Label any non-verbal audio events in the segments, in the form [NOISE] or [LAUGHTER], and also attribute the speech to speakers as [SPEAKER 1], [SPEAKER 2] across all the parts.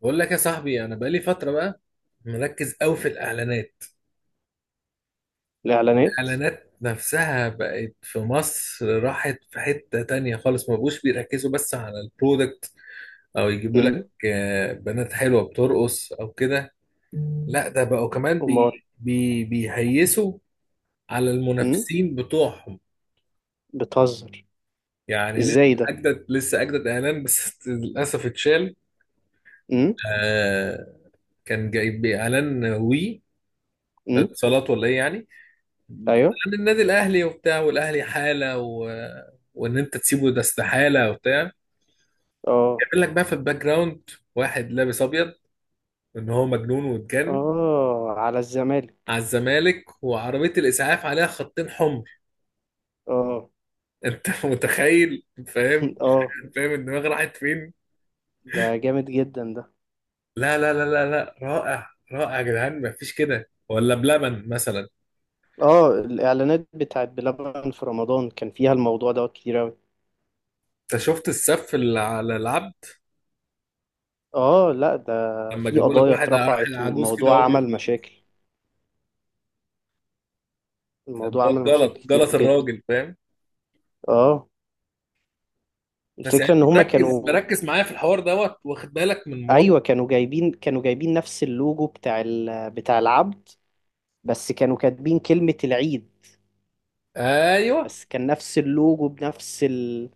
[SPEAKER 1] بقول لك يا صاحبي، انا بقالي فتره بقى مركز قوي في الاعلانات.
[SPEAKER 2] الاعلانات.
[SPEAKER 1] الاعلانات نفسها بقت في مصر راحت في حته تانية خالص، ما بقوش بيركزوا بس على البرودكت او يجيبوا
[SPEAKER 2] امم.
[SPEAKER 1] لك بنات حلوه بترقص او كده. لا ده بقوا كمان
[SPEAKER 2] امال.
[SPEAKER 1] بي بي بيهيسوا على
[SPEAKER 2] امم.
[SPEAKER 1] المنافسين بتوعهم.
[SPEAKER 2] بتهزر.
[SPEAKER 1] يعني لسه
[SPEAKER 2] ازاي ده؟
[SPEAKER 1] اجدد اعلان بس [LAUGHS] للاسف اتشال.
[SPEAKER 2] امم.
[SPEAKER 1] آه، كان جايب اعلان وي
[SPEAKER 2] امم.
[SPEAKER 1] اتصالات ولا ايه يعني،
[SPEAKER 2] ايوه.
[SPEAKER 1] عن النادي الاهلي وبتاع، والاهلي حاله وان انت تسيبه ده استحاله وبتاع،
[SPEAKER 2] اه.
[SPEAKER 1] يعمل لك بقى في الباك جراوند واحد لابس ابيض ان هو مجنون واتجن
[SPEAKER 2] اه على
[SPEAKER 1] على
[SPEAKER 2] الزمالك.
[SPEAKER 1] الزمالك، وعربيه الاسعاف عليها خطين حمر.
[SPEAKER 2] اه.
[SPEAKER 1] انت [LAUGHS] متخيل؟ فاهم؟
[SPEAKER 2] [LAUGHS] اه.
[SPEAKER 1] فاهم الدماغ راحت فين؟
[SPEAKER 2] ده جامد جدا ده.
[SPEAKER 1] لا لا لا لا لا، رائع رائع يا جدعان. مفيش كده ولا بلبن مثلا؟
[SPEAKER 2] اه، الاعلانات بتاعت بلبن في رمضان كان فيها الموضوع دوت كتير اوي.
[SPEAKER 1] انت شفت السف اللي على العبد
[SPEAKER 2] اه. لا ده.
[SPEAKER 1] لما
[SPEAKER 2] في
[SPEAKER 1] جابوا لك
[SPEAKER 2] قضايا
[SPEAKER 1] واحد راح
[SPEAKER 2] اترفعت
[SPEAKER 1] عجوز كده وهو
[SPEAKER 2] والموضوع
[SPEAKER 1] بيموت؟
[SPEAKER 2] عمل مشاكل. الموضوع
[SPEAKER 1] ده
[SPEAKER 2] عمل
[SPEAKER 1] غلط
[SPEAKER 2] مشاكل كتير
[SPEAKER 1] غلط
[SPEAKER 2] جدا.
[SPEAKER 1] الراجل، فاهم؟
[SPEAKER 2] اه.
[SPEAKER 1] بس يعني
[SPEAKER 2] الفكرة ان
[SPEAKER 1] انت
[SPEAKER 2] هما
[SPEAKER 1] مركز
[SPEAKER 2] كانوا.
[SPEAKER 1] مركز معايا في الحوار دوت؟ واخد بالك من مواقف؟
[SPEAKER 2] ايوه، كانوا جايبين نفس اللوجو بتاع العبد. بس كانوا كاتبين كلمة العيد.
[SPEAKER 1] ايوه،
[SPEAKER 2] بس كان نفس اللوجو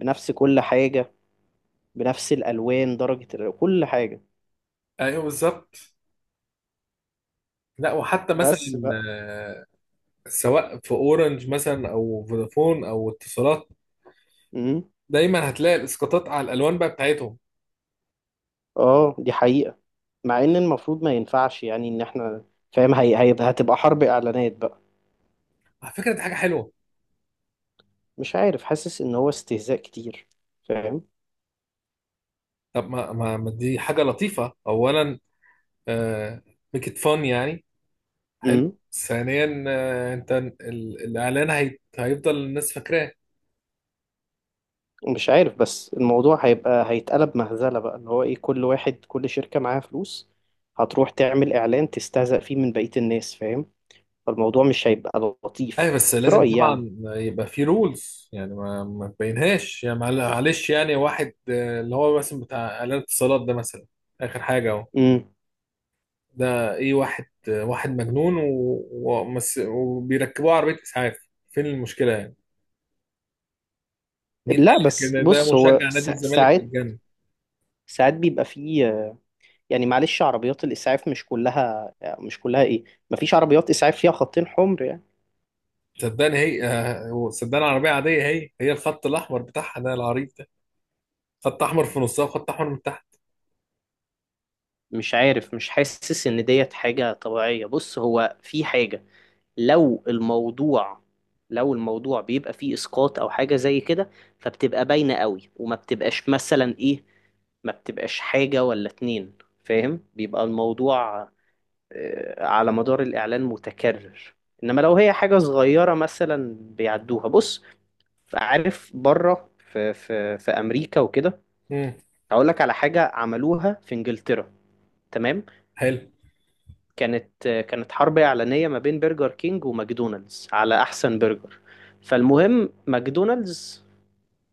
[SPEAKER 2] بنفس كل حاجة. بنفس الألوان، كل حاجة.
[SPEAKER 1] ايوه بالظبط. لا وحتى
[SPEAKER 2] بس
[SPEAKER 1] مثلا
[SPEAKER 2] بقى.
[SPEAKER 1] آه، سواء في اورنج مثلا او فودافون او اتصالات،
[SPEAKER 2] امم.
[SPEAKER 1] دايما هتلاقي الاسقاطات على الالوان بقى بتاعتهم.
[SPEAKER 2] اه، دي حقيقة. مع ان المفروض ما ينفعش، يعني ان احنا. فاهم، هتبقى حرب اعلانات بقى.
[SPEAKER 1] على فكره دي حاجه حلوه.
[SPEAKER 2] مش عارف، حاسس ان هو استهزاء كتير. فاهم.
[SPEAKER 1] طب ما ما ما دي حاجه لطيفه اولا، ميك ات فن يعني، حلو
[SPEAKER 2] امم.
[SPEAKER 1] ثانيا. انت الاعلان هيفضل الناس فاكراه.
[SPEAKER 2] مش عارف، بس الموضوع هيبقى هيتقلب مهزلة بقى، اللي هو ايه، كل شركة معاها فلوس. هتروح تعمل اعلان تستهزأ فيه من بقية الناس، فاهم. فالموضوع مش هيبقى
[SPEAKER 1] ايوه
[SPEAKER 2] لطيف
[SPEAKER 1] بس
[SPEAKER 2] في
[SPEAKER 1] لازم
[SPEAKER 2] رأيي يعني
[SPEAKER 1] طبعا يبقى في رولز يعني، ما تبينهاش يعني، معلش يعني واحد، اللي هو مثلا بتاع اعلان اتصالات ده مثلا، اخر حاجه اهو،
[SPEAKER 2] امم
[SPEAKER 1] ده ايه؟ واحد، واحد مجنون وبيركبوه عربيه اسعاف. فين المشكله يعني؟ مين قال
[SPEAKER 2] لا
[SPEAKER 1] لك
[SPEAKER 2] بس
[SPEAKER 1] ان ده
[SPEAKER 2] بص هو
[SPEAKER 1] مشجع نادي
[SPEAKER 2] سا-
[SPEAKER 1] الزمالك
[SPEAKER 2] ساعات
[SPEAKER 1] والجنة؟
[SPEAKER 2] ساعات بيبقى فيه يعني معلش عربيات الإسعاف مش كلها مش كلها إيه مفيش عربيات إسعاف فيها خطين حمر يعني
[SPEAKER 1] صدقني هي، صدقني عربيه عاديه. هي الخط الاحمر بتاعها ده العريض ده، خط احمر في نصها وخط احمر من تحت.
[SPEAKER 2] مش عارف مش حاسس إن ديت حاجة طبيعية بص هو في حاجة لو الموضوع لو الموضوع بيبقى فيه إسقاط أو حاجة زي كده فبتبقى باينة قوي وما بتبقاش مثلا إيه ما بتبقاش حاجة ولا اتنين فاهم بيبقى الموضوع آه، على مدار الإعلان متكرر إنما لو هي حاجة صغيرة مثلا بيعدوها بص عارف بره في في في أمريكا وكده
[SPEAKER 1] امم
[SPEAKER 2] هقول لك على حاجة عملوها في إنجلترا تمام
[SPEAKER 1] حلو.
[SPEAKER 2] كانت آه، كانت حرب إعلانية ما بين برجر كينج وماكدونالدز على أحسن برجر فالمهم ماكدونالدز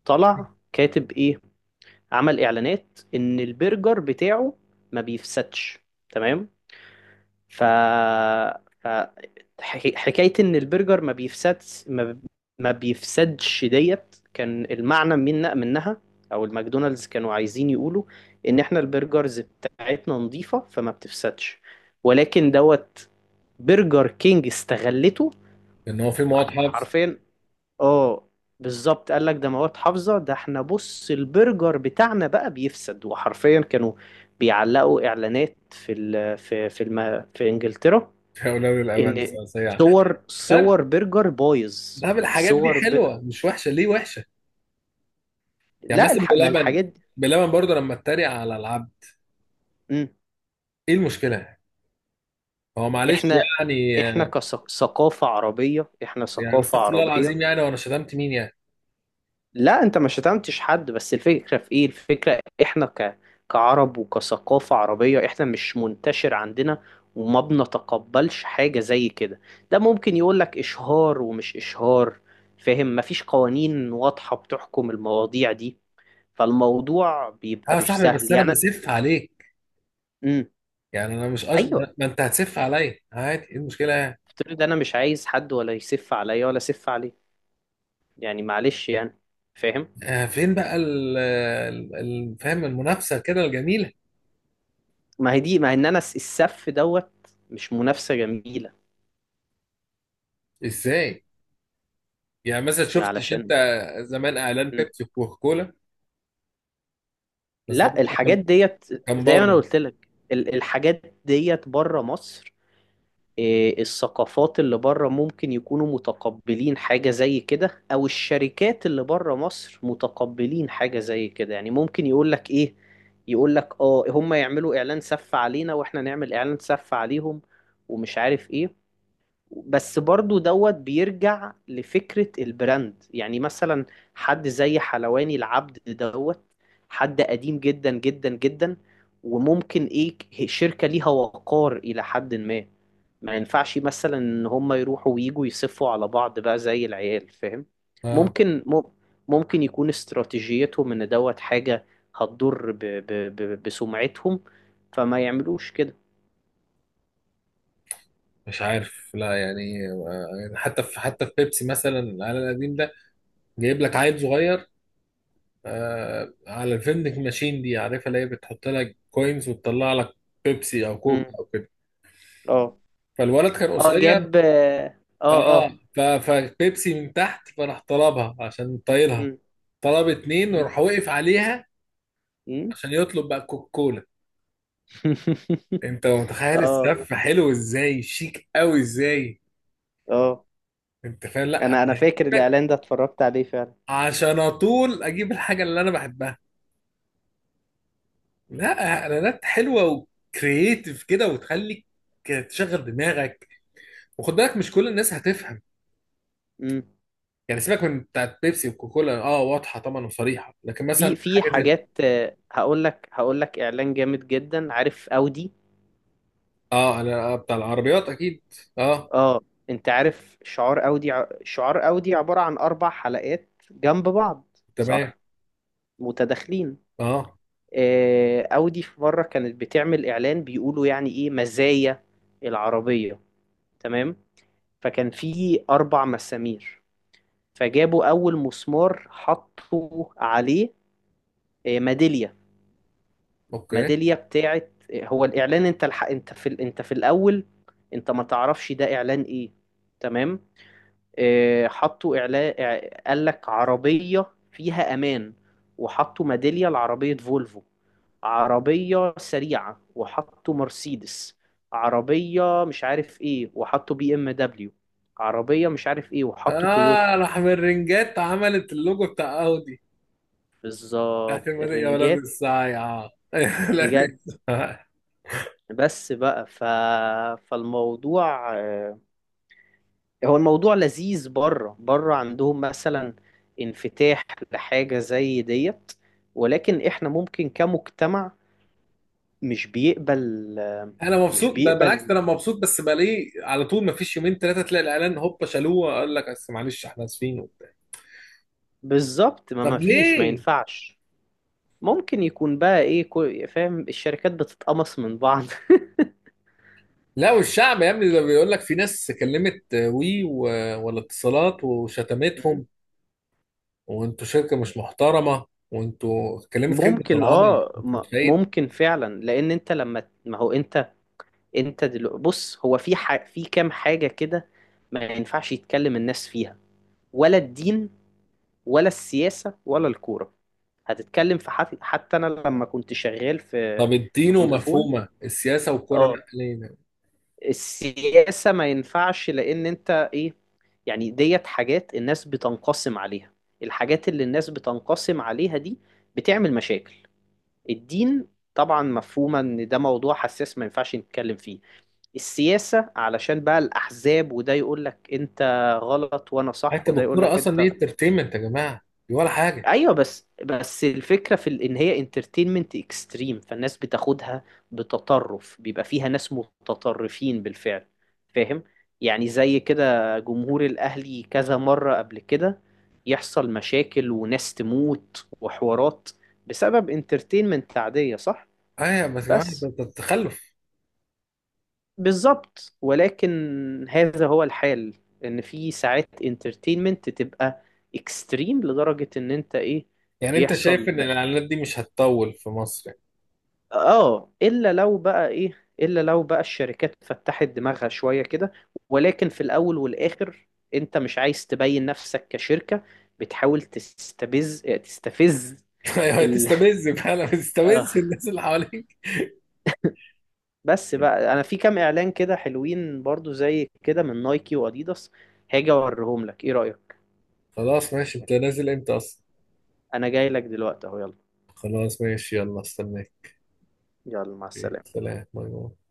[SPEAKER 2] طلع كاتب إيه عمل إعلانات إن البرجر بتاعه ما بيفسدش تمام ف ف- حكي- حكاية إن البرجر ما بيفسدش ما ما بيفسدش ديت كان المعنى من منها أو الماكدونالدز كانوا عايزين يقولوا إن إحنا البرجرز بتاعتنا نظيفة فما بتفسدش ولكن دوت برجر كينج استغلته
[SPEAKER 1] ان هو في مواد حفظ [LAUGHS]
[SPEAKER 2] حرفيا اه بالظبط قال لك ده مواد حافظة ده احنا بص البرجر بتاعنا بقى بيفسد وحرفيا كانوا بيعلقوا اعلانات في ال في في الم في انجلترا
[SPEAKER 1] لا حول ولا قوه
[SPEAKER 2] ان
[SPEAKER 1] الا
[SPEAKER 2] صور
[SPEAKER 1] بالله.
[SPEAKER 2] صور برجر بايظ
[SPEAKER 1] ده بالحاجات دي
[SPEAKER 2] صور ب...
[SPEAKER 1] حلوه مش وحشه، ليه وحشه؟ يعني
[SPEAKER 2] لا
[SPEAKER 1] مثلا
[SPEAKER 2] الح... ما
[SPEAKER 1] بلبن،
[SPEAKER 2] الحاجات دي
[SPEAKER 1] بلبن برضه لما اتريق على العبد،
[SPEAKER 2] مم.
[SPEAKER 1] ايه المشكله؟ هو معلش
[SPEAKER 2] احنا
[SPEAKER 1] يعني،
[SPEAKER 2] احنا كثقافة عربية احنا
[SPEAKER 1] يعني
[SPEAKER 2] ثقافة
[SPEAKER 1] استغفر الله
[SPEAKER 2] عربية
[SPEAKER 1] العظيم يعني، وانا شتمت مين يعني؟
[SPEAKER 2] لا انت ما شتمتش حد بس الفكرة في ايه الفكرة احنا ك... كعرب وكثقافة عربية احنا مش منتشر عندنا وما بنتقبلش حاجة زي كده ده ممكن يقولك اشهار ومش اشهار فاهم مفيش قوانين واضحة بتحكم المواضيع دي فالموضوع
[SPEAKER 1] اه
[SPEAKER 2] بيبقى
[SPEAKER 1] يا
[SPEAKER 2] مش
[SPEAKER 1] صاحبي
[SPEAKER 2] سهل
[SPEAKER 1] بس انا
[SPEAKER 2] يعني.
[SPEAKER 1] بسف عليك.
[SPEAKER 2] امم.
[SPEAKER 1] يعني انا مش أج...
[SPEAKER 2] ايوه.
[SPEAKER 1] ما انت هتسف عليا عادي، ايه المشكله يعني؟
[SPEAKER 2] افترض انا مش عايز حد ولا يسف عليا ولا اسف عليه. يعني معلش يعني. فاهم.
[SPEAKER 1] آه فين بقى فاهم المنافسه كده الجميله؟
[SPEAKER 2] ما هي دي، ما ان انا السف دوت. مش منافسه جميله.
[SPEAKER 1] ازاي؟ يعني مثلا شفتش انت
[SPEAKER 2] علشان.
[SPEAKER 1] زمان اعلان
[SPEAKER 2] مم.
[SPEAKER 1] بيبسي وكوكا كولا؟ بس ده
[SPEAKER 2] لا،
[SPEAKER 1] برضه
[SPEAKER 2] الحاجات
[SPEAKER 1] كان،
[SPEAKER 2] ديت.
[SPEAKER 1] كان
[SPEAKER 2] زي ما انا
[SPEAKER 1] بره.
[SPEAKER 2] قلت لك، الحاجات ديت بره مصر. إيه، الثقافات اللي بره ممكن يكونوا متقبلين حاجة زي كده، او الشركات اللي بره مصر متقبلين حاجة زي كده، يعني ممكن يقولك ايه. يقولك اه هم يعملوا اعلان سف علينا واحنا نعمل اعلان سف عليهم. ومش عارف ايه. بس برضو دوت بيرجع لفكرة البراند، يعني مثلا حد زي حلواني العبد دوت، حد قديم جدا جدا جدا، وممكن ايه، شركة ليها وقار إلى حد ما. ما ينفعش مثلا ان هم يروحوا ويجوا يصفوا على بعض بقى زي العيال، فاهم.
[SPEAKER 1] اه
[SPEAKER 2] ممكن ممكن يكون استراتيجيتهم ان دوت حاجة هتضر ب ب ب بسمعتهم. فما يعملوش كده.
[SPEAKER 1] مش عارف، لا يعني يعني حتى في بيبسي مثلا، العلب القديم ده، جايب لك عيل صغير على الفندنج ماشين دي، عارفها اللي هي بتحط لك كوينز وتطلع لك بيبسي او
[SPEAKER 2] مم.
[SPEAKER 1] كوكا او كده.
[SPEAKER 2] اه.
[SPEAKER 1] فالولد كان
[SPEAKER 2] اه
[SPEAKER 1] قصير.
[SPEAKER 2] جاب اه. اه.
[SPEAKER 1] اه
[SPEAKER 2] آه.
[SPEAKER 1] فبيبسي من تحت، فراح طلبها عشان طايلها.
[SPEAKER 2] مم.
[SPEAKER 1] طلب اتنين
[SPEAKER 2] مم.
[SPEAKER 1] وراح وقف عليها
[SPEAKER 2] مم.
[SPEAKER 1] عشان يطلب بقى كوكا كولا.
[SPEAKER 2] [LAUGHS]
[SPEAKER 1] انت متخيل
[SPEAKER 2] اه.
[SPEAKER 1] السف حلو ازاي؟ شيك قوي ازاي؟
[SPEAKER 2] اه.
[SPEAKER 1] انت فاهم؟ لا أنا
[SPEAKER 2] انا فاكر
[SPEAKER 1] هجيبك،
[SPEAKER 2] الاعلان ده اتفرجت عليه فعلا.
[SPEAKER 1] عشان اطول اجيب الحاجه اللي انا بحبها. لا اعلانات حلوه وكرييتيف كده، وتخليك تشغل دماغك. وخد بالك مش كل الناس هتفهم.
[SPEAKER 2] مم.
[SPEAKER 1] يعني سيبك من بتاعت بيبسي وكوكولا، اه واضحه طبعا وصريحه، لكن مثلا
[SPEAKER 2] في
[SPEAKER 1] حاجه زي،
[SPEAKER 2] حاجات، هقول لك اعلان جامد جدا، عارف اودي.
[SPEAKER 1] اه انا بتاع العربيات اكيد. اه،
[SPEAKER 2] اه. انت عارف شعار اودي، عبارة عن اربع حلقات جنب بعض،
[SPEAKER 1] تمام،
[SPEAKER 2] صح؟ متداخلين.
[SPEAKER 1] اه،
[SPEAKER 2] اودي في مرة كانت بتعمل اعلان بيقولوا يعني ايه مزايا العربية. تمام. فكان في اربع مسامير. فجابوا أول مسمار حطوا عليه ميدالية.
[SPEAKER 1] اوكي،
[SPEAKER 2] ميدالية بتاعت، هو الإعلان، أنت في الأول. أنت ما تعرفش ده إعلان إيه. تمام. حطوا إعلان. قال لك عربية فيها أمان، وحطوا ميدالية لعربية فولفو. عربية سريعة وحطوا مرسيدس. عربية مش عارف ايه وحطوا BMW. عربية مش عارف ايه وحطوا
[SPEAKER 1] اه
[SPEAKER 2] تويوتا.
[SPEAKER 1] راح من رنجات عملت اللوجو بتاع اودي. بتاعت
[SPEAKER 2] بالظبط
[SPEAKER 1] المدن يا ولاد
[SPEAKER 2] الرنجات.
[SPEAKER 1] الساعه [LAUGHS] لا،
[SPEAKER 2] بجد. بس بقى فالموضوع، هو الموضوع لذيذ، بره بره عندهم مثلا انفتاح لحاجة زي ديت. ولكن احنا ممكن كمجتمع مش بيقبل آه،
[SPEAKER 1] انا
[SPEAKER 2] مش
[SPEAKER 1] مبسوط ده بالعكس ده
[SPEAKER 2] بيقبل.
[SPEAKER 1] انا مبسوط، بس بلاقيه على طول ما فيش يومين ثلاثه تلاقي الاعلان هوبا شالوه، قال لك بس معلش احنا اسفين.
[SPEAKER 2] بالظبط، ما
[SPEAKER 1] طب
[SPEAKER 2] فيش، ما
[SPEAKER 1] ليه؟
[SPEAKER 2] ينفعش. ممكن يكون بقى ايه، فاهم، الشركات بتتقمص من بعض.
[SPEAKER 1] لا والشعب يا ابني ده، بيقول لك في ناس كلمت وي ولا اتصالات وشتمتهم،
[SPEAKER 2] [LAUGHS]
[SPEAKER 1] وانتوا شركة مش محترمة، وانتوا كلمت خدمة
[SPEAKER 2] ممكن
[SPEAKER 1] العملاء، انت متخيل؟
[SPEAKER 2] ممكن فعلا، لان انت لما ما هو انت. انت بص، هو في في كام حاجة كده ما ينفعش يتكلم الناس فيها، ولا الدين ولا السياسة ولا الكورة. هتتكلم في حتى انا لما كنت شغال في
[SPEAKER 1] طب الدين
[SPEAKER 2] في فودافون.
[SPEAKER 1] ومفهومة، السياسة والكرة لا
[SPEAKER 2] اه.
[SPEAKER 1] ليه؟
[SPEAKER 2] السياسة ما ينفعش لان انت ايه، يعني ديت حاجات الناس بتنقسم عليها. الحاجات اللي الناس بتنقسم عليها دي بتعمل مشاكل. الدين طبعا مفهومة ان ده موضوع حساس، ما ينفعش نتكلم فيه. السياسة علشان بقى الأحزاب، وده يقول لك أنت غلط وأنا صح،
[SPEAKER 1] حتى
[SPEAKER 2] وده يقول
[SPEAKER 1] بالكرة
[SPEAKER 2] لك
[SPEAKER 1] اصلا دي
[SPEAKER 2] أنت.
[SPEAKER 1] انترتينمنت يا جماعة، دي ولا حاجة.
[SPEAKER 2] أيوه، بس الفكرة إن هي انترتينمنت اكستريم، فالناس بتاخدها بتطرف، بيبقى فيها ناس متطرفين بالفعل. فاهم. يعني زي كده جمهور الأهلي كذا مرة قبل كده يحصل مشاكل وناس تموت وحوارات بسبب انترتينمنت عادية، صح.
[SPEAKER 1] ايوه بس يا جماعة ده
[SPEAKER 2] بس.
[SPEAKER 1] ده تخلف.
[SPEAKER 2] بالظبط، ولكن هذا هو الحال. ان في ساعات انترتينمنت تبقى اكستريم لدرجة ان انت ايه.
[SPEAKER 1] يعني انت شايف
[SPEAKER 2] بيحصل.
[SPEAKER 1] ان الاعلانات دي مش هتطول في مصر؟
[SPEAKER 2] اه، الا لو بقى الشركات فتحت دماغها شوية كده. ولكن في الاول والاخر انت مش عايز تبين نفسك كشركة بتحاول تستفز.
[SPEAKER 1] يعني [LAUGHS]
[SPEAKER 2] ال...
[SPEAKER 1] هتستفز فعلا،
[SPEAKER 2] [LAUGHS] آه.
[SPEAKER 1] بتستفز الناس اللي حواليك.
[SPEAKER 2] بس بقى، انا في كام اعلان كده حلوين برضو زي كده من نايكي واديداس. هاجي اوريهم لك، ايه رأيك؟
[SPEAKER 1] خلاص ماشي، انت نازل امتى اصلا؟
[SPEAKER 2] انا جاي لك دلوقتي اهو، يلا.
[SPEAKER 1] خلاص ماشي، يلا استناك.
[SPEAKER 2] يلا، مع
[SPEAKER 1] أوكي.
[SPEAKER 2] السلامة.
[SPEAKER 1] سلام، باي باي.